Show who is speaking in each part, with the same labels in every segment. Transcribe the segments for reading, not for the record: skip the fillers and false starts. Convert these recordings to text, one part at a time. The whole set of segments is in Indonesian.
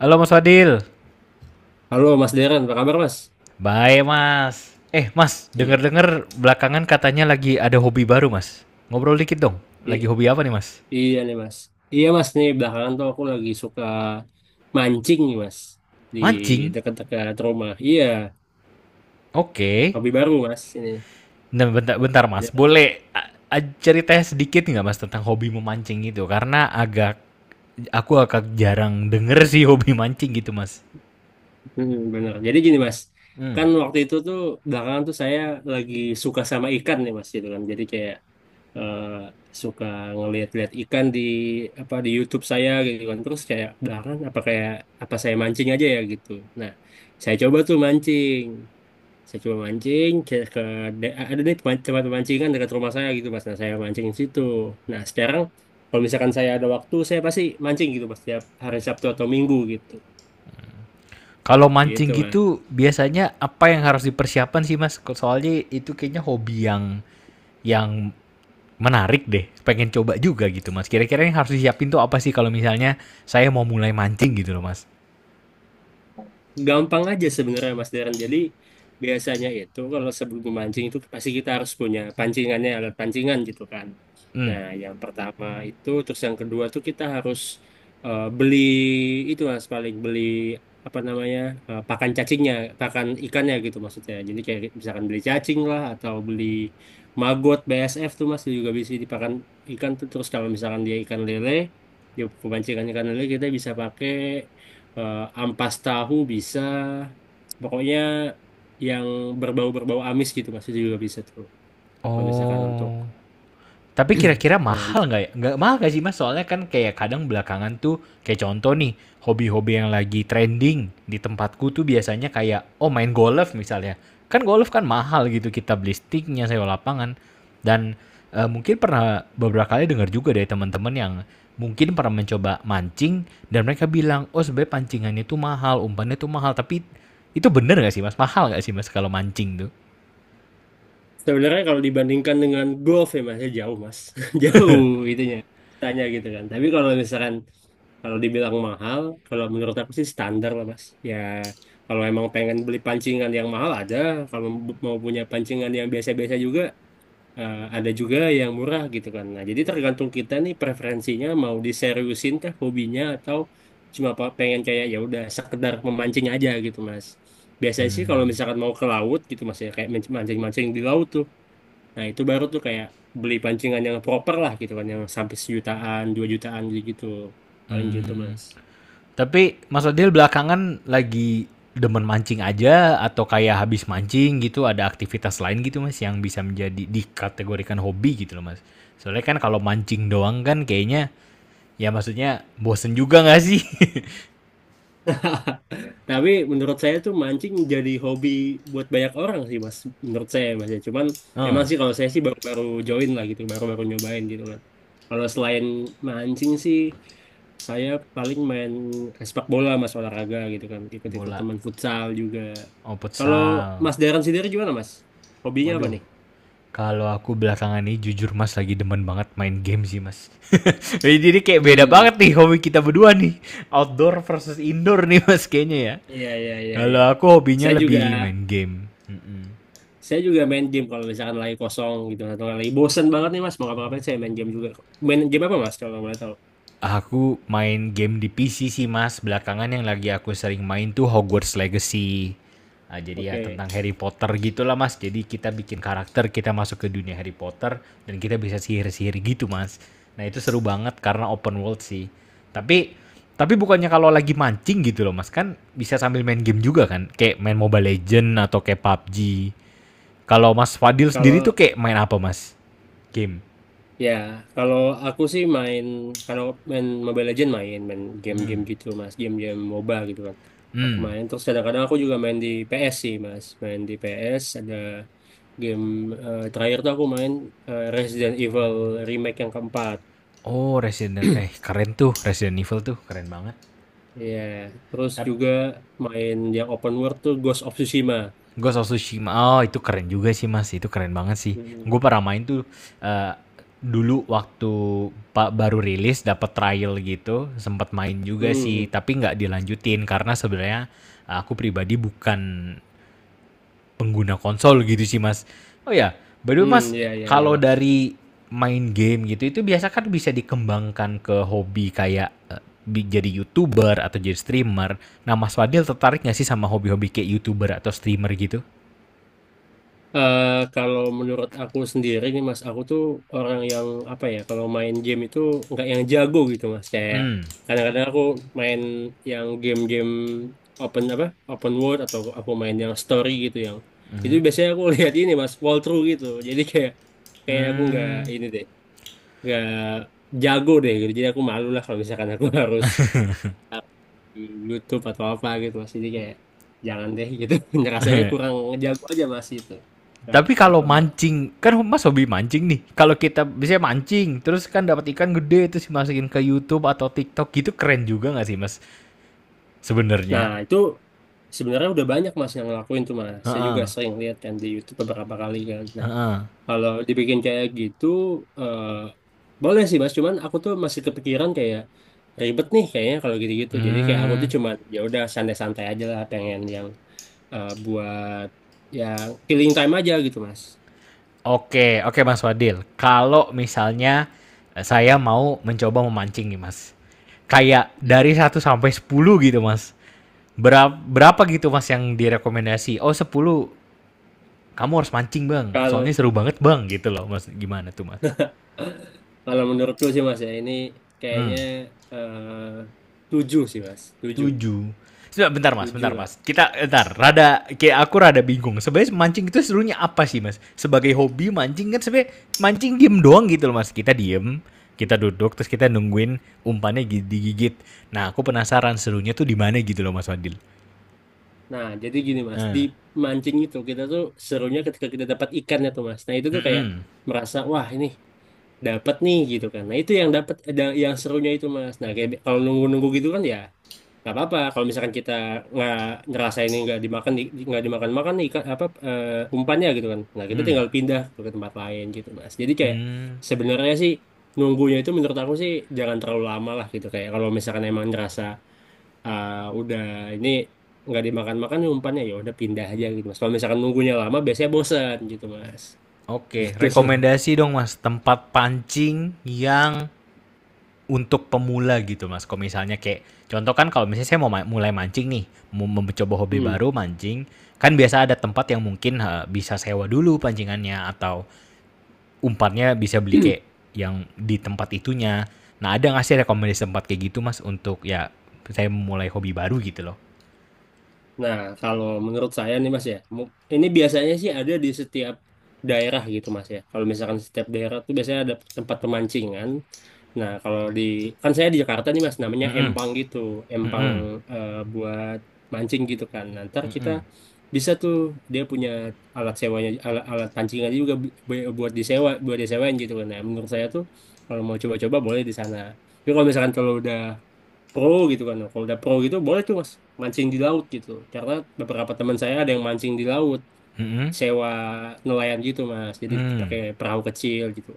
Speaker 1: Halo Mas Fadil.
Speaker 2: Halo Mas Deren, apa kabar Mas?
Speaker 1: Baik Mas. Mas,
Speaker 2: Iya,
Speaker 1: denger-denger belakangan katanya lagi ada hobi baru Mas. Ngobrol dikit dong.
Speaker 2: I-
Speaker 1: Lagi hobi apa nih Mas?
Speaker 2: iya nih Mas. Iya Mas, nih belakangan tuh aku lagi suka mancing nih Mas di
Speaker 1: Mancing.
Speaker 2: dekat-dekat rumah. Iya,
Speaker 1: Oke.
Speaker 2: hobi baru Mas ini.
Speaker 1: Nah, bentar-bentar
Speaker 2: Ya,
Speaker 1: Mas. Boleh ceritanya sedikit nggak Mas tentang hobi memancing itu? Karena aku agak jarang denger sih hobi mancing gitu Mas.
Speaker 2: hmm, bener. Jadi gini Mas,
Speaker 1: Hmm.
Speaker 2: kan waktu itu tuh belakangan tuh saya lagi suka sama ikan nih Mas gitu kan. Jadi kayak eh, suka ngelihat-lihat ikan di apa di YouTube saya gitu kan. Terus kayak belakangan apa kayak apa saya mancing aja ya gitu. Nah, saya coba tuh mancing. Saya cuma mancing ke ada nih tempat pemancingan dekat rumah saya gitu Mas. Nah saya mancing di situ. Nah sekarang kalau misalkan saya ada waktu, saya pasti mancing gitu Mas, setiap hari Sabtu atau Minggu gitu
Speaker 1: Kalau
Speaker 2: gitu
Speaker 1: mancing
Speaker 2: Mas.
Speaker 1: gitu biasanya apa yang harus dipersiapkan sih Mas? Soalnya itu kayaknya hobi yang menarik deh. Pengen coba juga gitu, Mas. Kira-kira yang harus disiapin tuh apa sih kalau misalnya saya mau mulai mancing gitu loh, Mas?
Speaker 2: Gampang aja sebenarnya Mas Darren. Jadi biasanya itu kalau sebelum memancing itu pasti kita harus punya pancingannya, alat pancingan gitu kan.
Speaker 1: Hmm.
Speaker 2: Nah, yang pertama itu, terus yang kedua tuh kita harus beli itu Mas, paling beli apa namanya pakan cacingnya, pakan ikannya gitu maksudnya. Jadi kayak misalkan beli cacing lah atau beli maggot BSF tuh Mas juga bisa dipakan ikan tuh. Terus kalau misalkan dia ikan lele, dia pemancingan ikan lele kita bisa pakai ampas tahu bisa, pokoknya yang berbau-berbau amis gitu Mas itu juga bisa tuh. Kalau misalkan untuk
Speaker 1: Oh. Tapi kira-kira mahal
Speaker 2: memancing.
Speaker 1: nggak ya? Nggak mahal nggak sih mas? Soalnya kan kayak kadang belakangan tuh kayak contoh nih hobi-hobi yang lagi trending di tempatku tuh biasanya kayak oh main golf misalnya. Kan golf kan mahal gitu kita beli sticknya sewa lapangan dan mungkin pernah beberapa kali dengar juga dari teman-teman yang mungkin pernah mencoba mancing dan mereka bilang oh sebenarnya pancingannya tuh mahal umpannya tuh mahal tapi itu bener nggak sih mas mahal nggak sih mas kalau mancing tuh
Speaker 2: Sebenarnya kalau dibandingkan dengan golf ya Mas, ya jauh Mas, jauh itunya tanya gitu kan. Tapi kalau misalkan kalau dibilang mahal, kalau menurut aku sih standar lah Mas. Ya kalau emang pengen beli pancingan yang mahal ada, kalau mau punya pancingan yang biasa-biasa juga ada juga yang murah gitu kan. Nah, jadi tergantung kita nih preferensinya mau diseriusin kah hobinya atau cuma pengen kayak ya udah sekedar memancing aja gitu, Mas. Biasanya sih kalau
Speaker 1: hmm.
Speaker 2: misalkan mau ke laut gitu Mas ya kayak mancing-mancing di laut tuh. Nah, itu baru tuh kayak beli pancingan yang proper lah gitu kan, yang sampai sejutaan, dua jutaan gitu. Paling gitu,
Speaker 1: Hmm.
Speaker 2: Mas.
Speaker 1: Tapi Mas Adil belakangan lagi demen mancing aja atau kayak habis mancing gitu ada aktivitas lain gitu Mas yang bisa menjadi dikategorikan hobi gitu loh Mas. Soalnya kan kalau mancing doang kan kayaknya ya maksudnya bosen juga nggak sih?
Speaker 2: Tapi menurut saya tuh mancing jadi hobi buat banyak orang sih Mas. Menurut saya Mas ya. Cuman
Speaker 1: Eh,
Speaker 2: memang sih kalau saya sih baru-baru join lah gitu, baru-baru nyobain gitu kan. Kalau selain mancing sih, saya paling main sepak bola Mas, olahraga gitu kan. Ikut-ikut
Speaker 1: bola
Speaker 2: teman futsal juga.
Speaker 1: oh
Speaker 2: Kalau
Speaker 1: futsal.
Speaker 2: Mas Darren sendiri gimana Mas? Hobinya apa
Speaker 1: Waduh,
Speaker 2: nih?
Speaker 1: kalau aku belakangan ini jujur Mas lagi demen banget main game sih Mas. Jadi kayak beda
Speaker 2: Hmm,
Speaker 1: banget nih hobi kita berdua nih. Outdoor versus indoor nih Mas kayaknya ya.
Speaker 2: iya iya iya iya.
Speaker 1: Kalau aku hobinya
Speaker 2: Saya juga
Speaker 1: lebih main game. Mm-mm.
Speaker 2: saya juga main game kalau misalkan lagi kosong gitu atau lagi bosen banget nih Mas, mau ngapa-ngapain saya main game juga. Main game apa Mas kalau boleh tahu?
Speaker 1: Aku main game di PC sih Mas, belakangan yang lagi aku sering main tuh Hogwarts Legacy. Ah, jadi ya
Speaker 2: Oke,
Speaker 1: tentang Harry Potter gitulah Mas. Jadi kita bikin karakter, kita masuk ke dunia Harry Potter dan kita bisa sihir-sihir gitu Mas. Nah itu seru banget karena open world sih. Tapi tapi bukannya kalau lagi mancing gitu loh Mas kan bisa sambil main game juga kan? Kayak main Mobile Legend atau kayak PUBG. Kalau Mas Fadil sendiri
Speaker 2: kalau
Speaker 1: tuh kayak main apa Mas? Game.
Speaker 2: ya kalau aku sih main karena main Mobile Legend, main main
Speaker 1: Hmm.
Speaker 2: game-game gitu Mas, game-game MOBA gitu kan. Aku
Speaker 1: Hmm.
Speaker 2: main terus kadang-kadang aku juga main di PS sih Mas, main di PS ada game terakhir tuh aku main Resident Evil Remake yang keempat.
Speaker 1: Oh, Resident eh keren tuh Resident Evil tuh keren banget.
Speaker 2: Iya, terus
Speaker 1: Tapi
Speaker 2: juga main yang open world tuh Ghost of Tsushima.
Speaker 1: Ghost of Tsushima oh itu keren juga sih Mas, itu keren banget sih.
Speaker 2: Hmm,
Speaker 1: Gue pernah main tuh eh, dulu waktu pak baru rilis dapat trial gitu, sempat main juga
Speaker 2: hmm,
Speaker 1: sih,
Speaker 2: hmm,
Speaker 1: tapi nggak dilanjutin karena sebenarnya aku pribadi bukan pengguna konsol gitu sih mas. Oh ya, by the way
Speaker 2: hmm,
Speaker 1: mas,
Speaker 2: ya ya ya
Speaker 1: kalau
Speaker 2: Mas.
Speaker 1: dari main game gitu itu biasa kan bisa dikembangkan ke hobi kayak jadi youtuber atau jadi streamer. Nah mas Fadil tertarik nggak sih sama hobi-hobi kayak youtuber atau streamer gitu?
Speaker 2: Eh, kalau menurut aku sendiri nih Mas, aku tuh orang yang apa ya, kalau main game itu nggak yang jago gitu Mas. Kayak
Speaker 1: Hmm,
Speaker 2: kadang-kadang aku main yang game-game open apa, open world atau aku main yang story gitu, yang itu biasanya aku lihat ini Mas, walkthrough gitu. Jadi kayak kayak aku nggak
Speaker 1: hmm.
Speaker 2: ini deh, nggak jago deh gitu. Jadi aku malu lah kalau misalkan aku harus taruh di YouTube atau apa gitu Mas. Jadi kayak jangan deh gitu. Rasanya kurang jago aja Mas itu. Nah,
Speaker 1: Tapi kalau
Speaker 2: capable.
Speaker 1: mancing, kan mas hobi mancing nih. Kalau kita bisa mancing, terus kan dapat ikan gede terus dimasukin ke YouTube atau TikTok gitu keren juga nggak sih mas?
Speaker 2: Nah,
Speaker 1: Sebenarnya.
Speaker 2: itu sebenarnya udah banyak Mas yang ngelakuin tuh Mas. Saya juga
Speaker 1: Heeh.
Speaker 2: sering lihat kan di YouTube beberapa kali kan. Nah, kalau dibikin kayak gitu eh boleh sih Mas, cuman aku tuh masih kepikiran kayak ribet nih kayaknya kalau gitu-gitu. Jadi kayak aku tuh
Speaker 1: Hmm.
Speaker 2: cuman ya udah santai-santai aja lah, pengen yang buat yang killing time aja gitu Mas.
Speaker 1: Oke, oke Mas Wadil. Kalau misalnya saya mau mencoba memancing nih Mas. Kayak
Speaker 2: Hmm.
Speaker 1: dari satu sampai 10 gitu Mas. Berapa, berapa gitu Mas yang direkomendasi? Oh 10, kamu harus mancing Bang. Soalnya
Speaker 2: Kalau
Speaker 1: seru banget Bang gitu loh Mas. Gimana tuh Mas?
Speaker 2: kalau menurutku sih Mas ya ini
Speaker 1: Hmm.
Speaker 2: kayaknya eh tujuh sih Mas, tujuh,
Speaker 1: Tujuh. Sebentar, bentar mas,
Speaker 2: tujuh
Speaker 1: bentar
Speaker 2: lah.
Speaker 1: mas. Kita, bentar, rada, kayak aku rada bingung. Sebenarnya mancing itu serunya apa sih mas? Sebagai hobi mancing kan sebenarnya mancing diem doang gitu loh mas. Kita diem, kita duduk, terus kita nungguin umpannya digigit. Nah aku penasaran serunya tuh di mana gitu loh mas Fadil.
Speaker 2: Nah, jadi gini Mas, di
Speaker 1: Nah,
Speaker 2: mancing itu kita tuh serunya ketika kita dapat ikannya tuh Mas. Nah, itu tuh kayak
Speaker 1: mm-mm,
Speaker 2: merasa wah ini dapat nih gitu kan. Nah, itu yang dapat yang serunya itu Mas. Nah, kayak kalau nunggu-nunggu gitu kan ya nggak apa-apa. Kalau misalkan kita nggak ngerasa ini nggak dimakan nggak dimakan makan nih ikan apa umpannya gitu kan. Nah, kita
Speaker 1: mm,
Speaker 2: tinggal pindah tuh ke tempat lain gitu Mas. Jadi kayak
Speaker 1: mm.
Speaker 2: sebenarnya sih nunggunya itu menurut aku sih jangan terlalu lama lah gitu, kayak kalau misalkan emang ngerasa ah, udah ini nggak dimakan-makan nih umpannya, ya udah pindah aja gitu Mas. Kalau misalkan nunggunya lama biasanya bosan gitu Mas.
Speaker 1: Oke,
Speaker 2: Gitu sih Mas.
Speaker 1: rekomendasi dong mas tempat pancing yang untuk pemula gitu mas. Kalau misalnya kayak contoh kan kalau misalnya saya mau mulai mancing nih, mau mencoba hobi
Speaker 2: Hmm.
Speaker 1: baru mancing, kan biasa ada tempat yang mungkin ha, bisa sewa dulu pancingannya atau umpannya bisa beli kayak yang di tempat itunya. Nah ada nggak sih rekomendasi tempat kayak gitu mas untuk ya saya mulai hobi baru gitu loh.
Speaker 2: Nah, kalau menurut saya nih Mas ya, ini biasanya sih ada di setiap daerah gitu Mas ya. Kalau misalkan setiap daerah tuh biasanya ada tempat pemancingan. Nah, kalau di kan saya di Jakarta nih Mas, namanya
Speaker 1: Mm -mm,
Speaker 2: empang gitu,
Speaker 1: mm
Speaker 2: empang
Speaker 1: -mm,
Speaker 2: buat mancing gitu kan. Nah, ntar
Speaker 1: mm
Speaker 2: kita
Speaker 1: -mm,
Speaker 2: bisa tuh dia punya alat sewanya, alat pancingannya juga buat disewa buat disewain gitu kan. Nah, menurut saya tuh kalau mau coba-coba boleh di sana. Tapi kalau misalkan kalau udah pro gitu kan. Kalau udah pro gitu boleh tuh Mas mancing di laut gitu. Karena beberapa teman saya ada yang mancing di laut,
Speaker 1: mm -mm,
Speaker 2: sewa nelayan gitu Mas. Jadi
Speaker 1: mm.
Speaker 2: pakai perahu kecil gitu.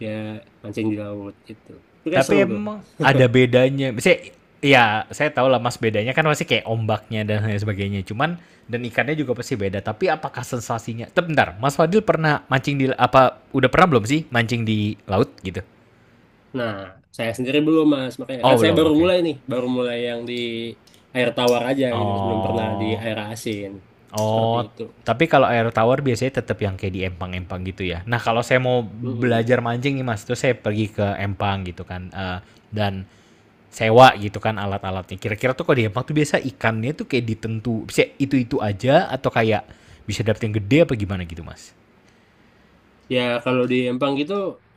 Speaker 2: Dia mancing di laut gitu. Itu kayak
Speaker 1: Tapi
Speaker 2: seru tuh.
Speaker 1: emang ada bedanya. Misalnya, ya saya tahu lah mas bedanya kan pasti kayak ombaknya dan lain sebagainya. Cuman dan ikannya juga pasti beda. Tapi apakah sensasinya? Tapi bentar, Mas Fadil pernah mancing di apa? Udah pernah belum sih mancing di laut gitu?
Speaker 2: Nah, saya sendiri belum Mas, makanya
Speaker 1: Oh
Speaker 2: kan saya
Speaker 1: belum,
Speaker 2: baru
Speaker 1: oke.
Speaker 2: mulai nih, baru mulai yang di air tawar aja gitu, yang sebelum pernah di
Speaker 1: Oh,
Speaker 2: air asin. Seperti
Speaker 1: oh.
Speaker 2: itu. Mas.
Speaker 1: Tapi kalau air tawar biasanya tetap yang kayak di empang-empang gitu ya. Nah kalau saya mau belajar mancing nih mas, itu saya pergi ke empang gitu kan. Eh, dan sewa gitu kan alat-alatnya. Kira-kira tuh kalau di Jepang tuh biasa ikannya tuh kayak ditentu bisa itu-itu aja atau kayak bisa dapet yang gede apa gimana gitu, Mas?
Speaker 2: Ya kalau di Empang gitu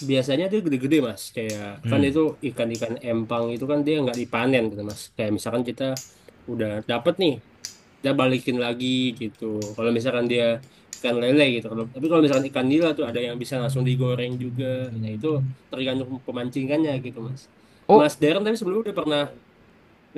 Speaker 2: biasanya dia gede-gede Mas. Kayak kan
Speaker 1: Hmm.
Speaker 2: itu ikan-ikan Empang itu kan dia nggak dipanen gitu Mas. Kayak misalkan kita udah dapet nih, kita balikin lagi gitu. Kalau misalkan dia ikan lele gitu. Kalau, tapi kalau misalkan ikan nila tuh ada yang bisa langsung digoreng juga. Nah itu tergantung pemancingannya gitu Mas.
Speaker 1: Oh,
Speaker 2: Mas Darren tapi sebelumnya udah pernah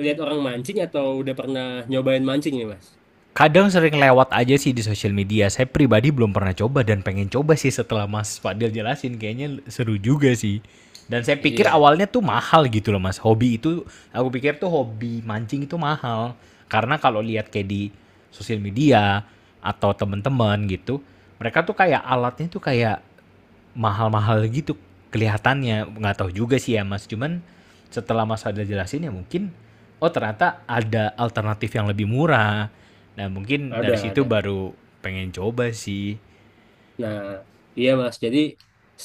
Speaker 2: lihat orang mancing atau udah pernah nyobain mancing nih Mas?
Speaker 1: kadang sering lewat aja sih di sosial media. Saya pribadi belum pernah coba dan pengen coba sih setelah Mas Fadil jelasin. Kayaknya seru juga sih. Dan saya pikir
Speaker 2: Iya,
Speaker 1: awalnya tuh mahal gitu loh mas. Hobi itu, aku pikir tuh hobi mancing itu mahal. Karena kalau lihat kayak di sosial media atau temen-temen gitu, mereka tuh kayak alatnya tuh kayak mahal-mahal gitu kelihatannya nggak tahu juga sih ya mas cuman setelah mas ada jelasin ya mungkin oh ternyata ada alternatif yang lebih murah nah mungkin dari
Speaker 2: ada
Speaker 1: situ
Speaker 2: ada.
Speaker 1: baru pengen coba sih
Speaker 2: Nah, iya Mas. Jadi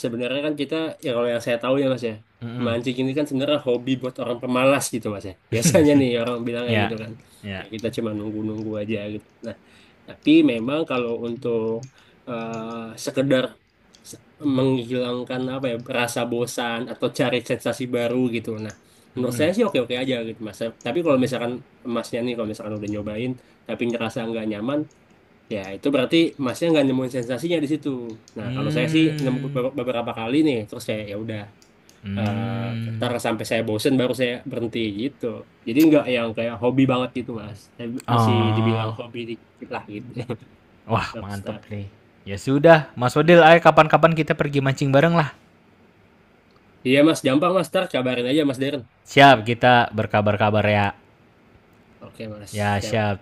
Speaker 2: sebenarnya kan kita ya kalau yang saya tahu ya Mas ya,
Speaker 1: Mm-mm.
Speaker 2: mancing ini kan sebenarnya hobi buat orang pemalas gitu Mas ya. Biasanya nih orang bilang kayak
Speaker 1: ya
Speaker 2: gitu kan. Ya
Speaker 1: ya
Speaker 2: kita cuma nunggu-nunggu aja gitu. Nah, tapi memang kalau untuk sekedar se- menghilangkan apa ya rasa bosan atau cari sensasi baru gitu. Nah, menurut
Speaker 1: Mm-mm.
Speaker 2: saya sih oke-oke aja gitu Mas. Tapi kalau misalkan Masnya nih, kalau misalkan udah nyobain tapi ngerasa nggak nyaman, ya itu berarti Masnya nggak nemuin sensasinya di situ. Nah, kalau saya sih nemu
Speaker 1: Hmm.
Speaker 2: beberapa kali nih, terus saya ya udah
Speaker 1: Hmm.
Speaker 2: ntar sampai saya bosen baru saya berhenti gitu. Jadi nggak yang kayak hobi banget gitu, Mas. Saya masih dibilang
Speaker 1: Ah.
Speaker 2: hobi dikit lah gitu.
Speaker 1: wah
Speaker 2: Baru
Speaker 1: mantep
Speaker 2: start
Speaker 1: nih ya sudah mas Odil
Speaker 2: gitu.
Speaker 1: ayo kapan-kapan kita pergi mancing bareng lah
Speaker 2: Iya, Mas, gampang Mas, ntar kabarin aja Mas Darren.
Speaker 1: siap kita berkabar-kabar ya
Speaker 2: Oke, Mas.
Speaker 1: ya
Speaker 2: Siap.
Speaker 1: siap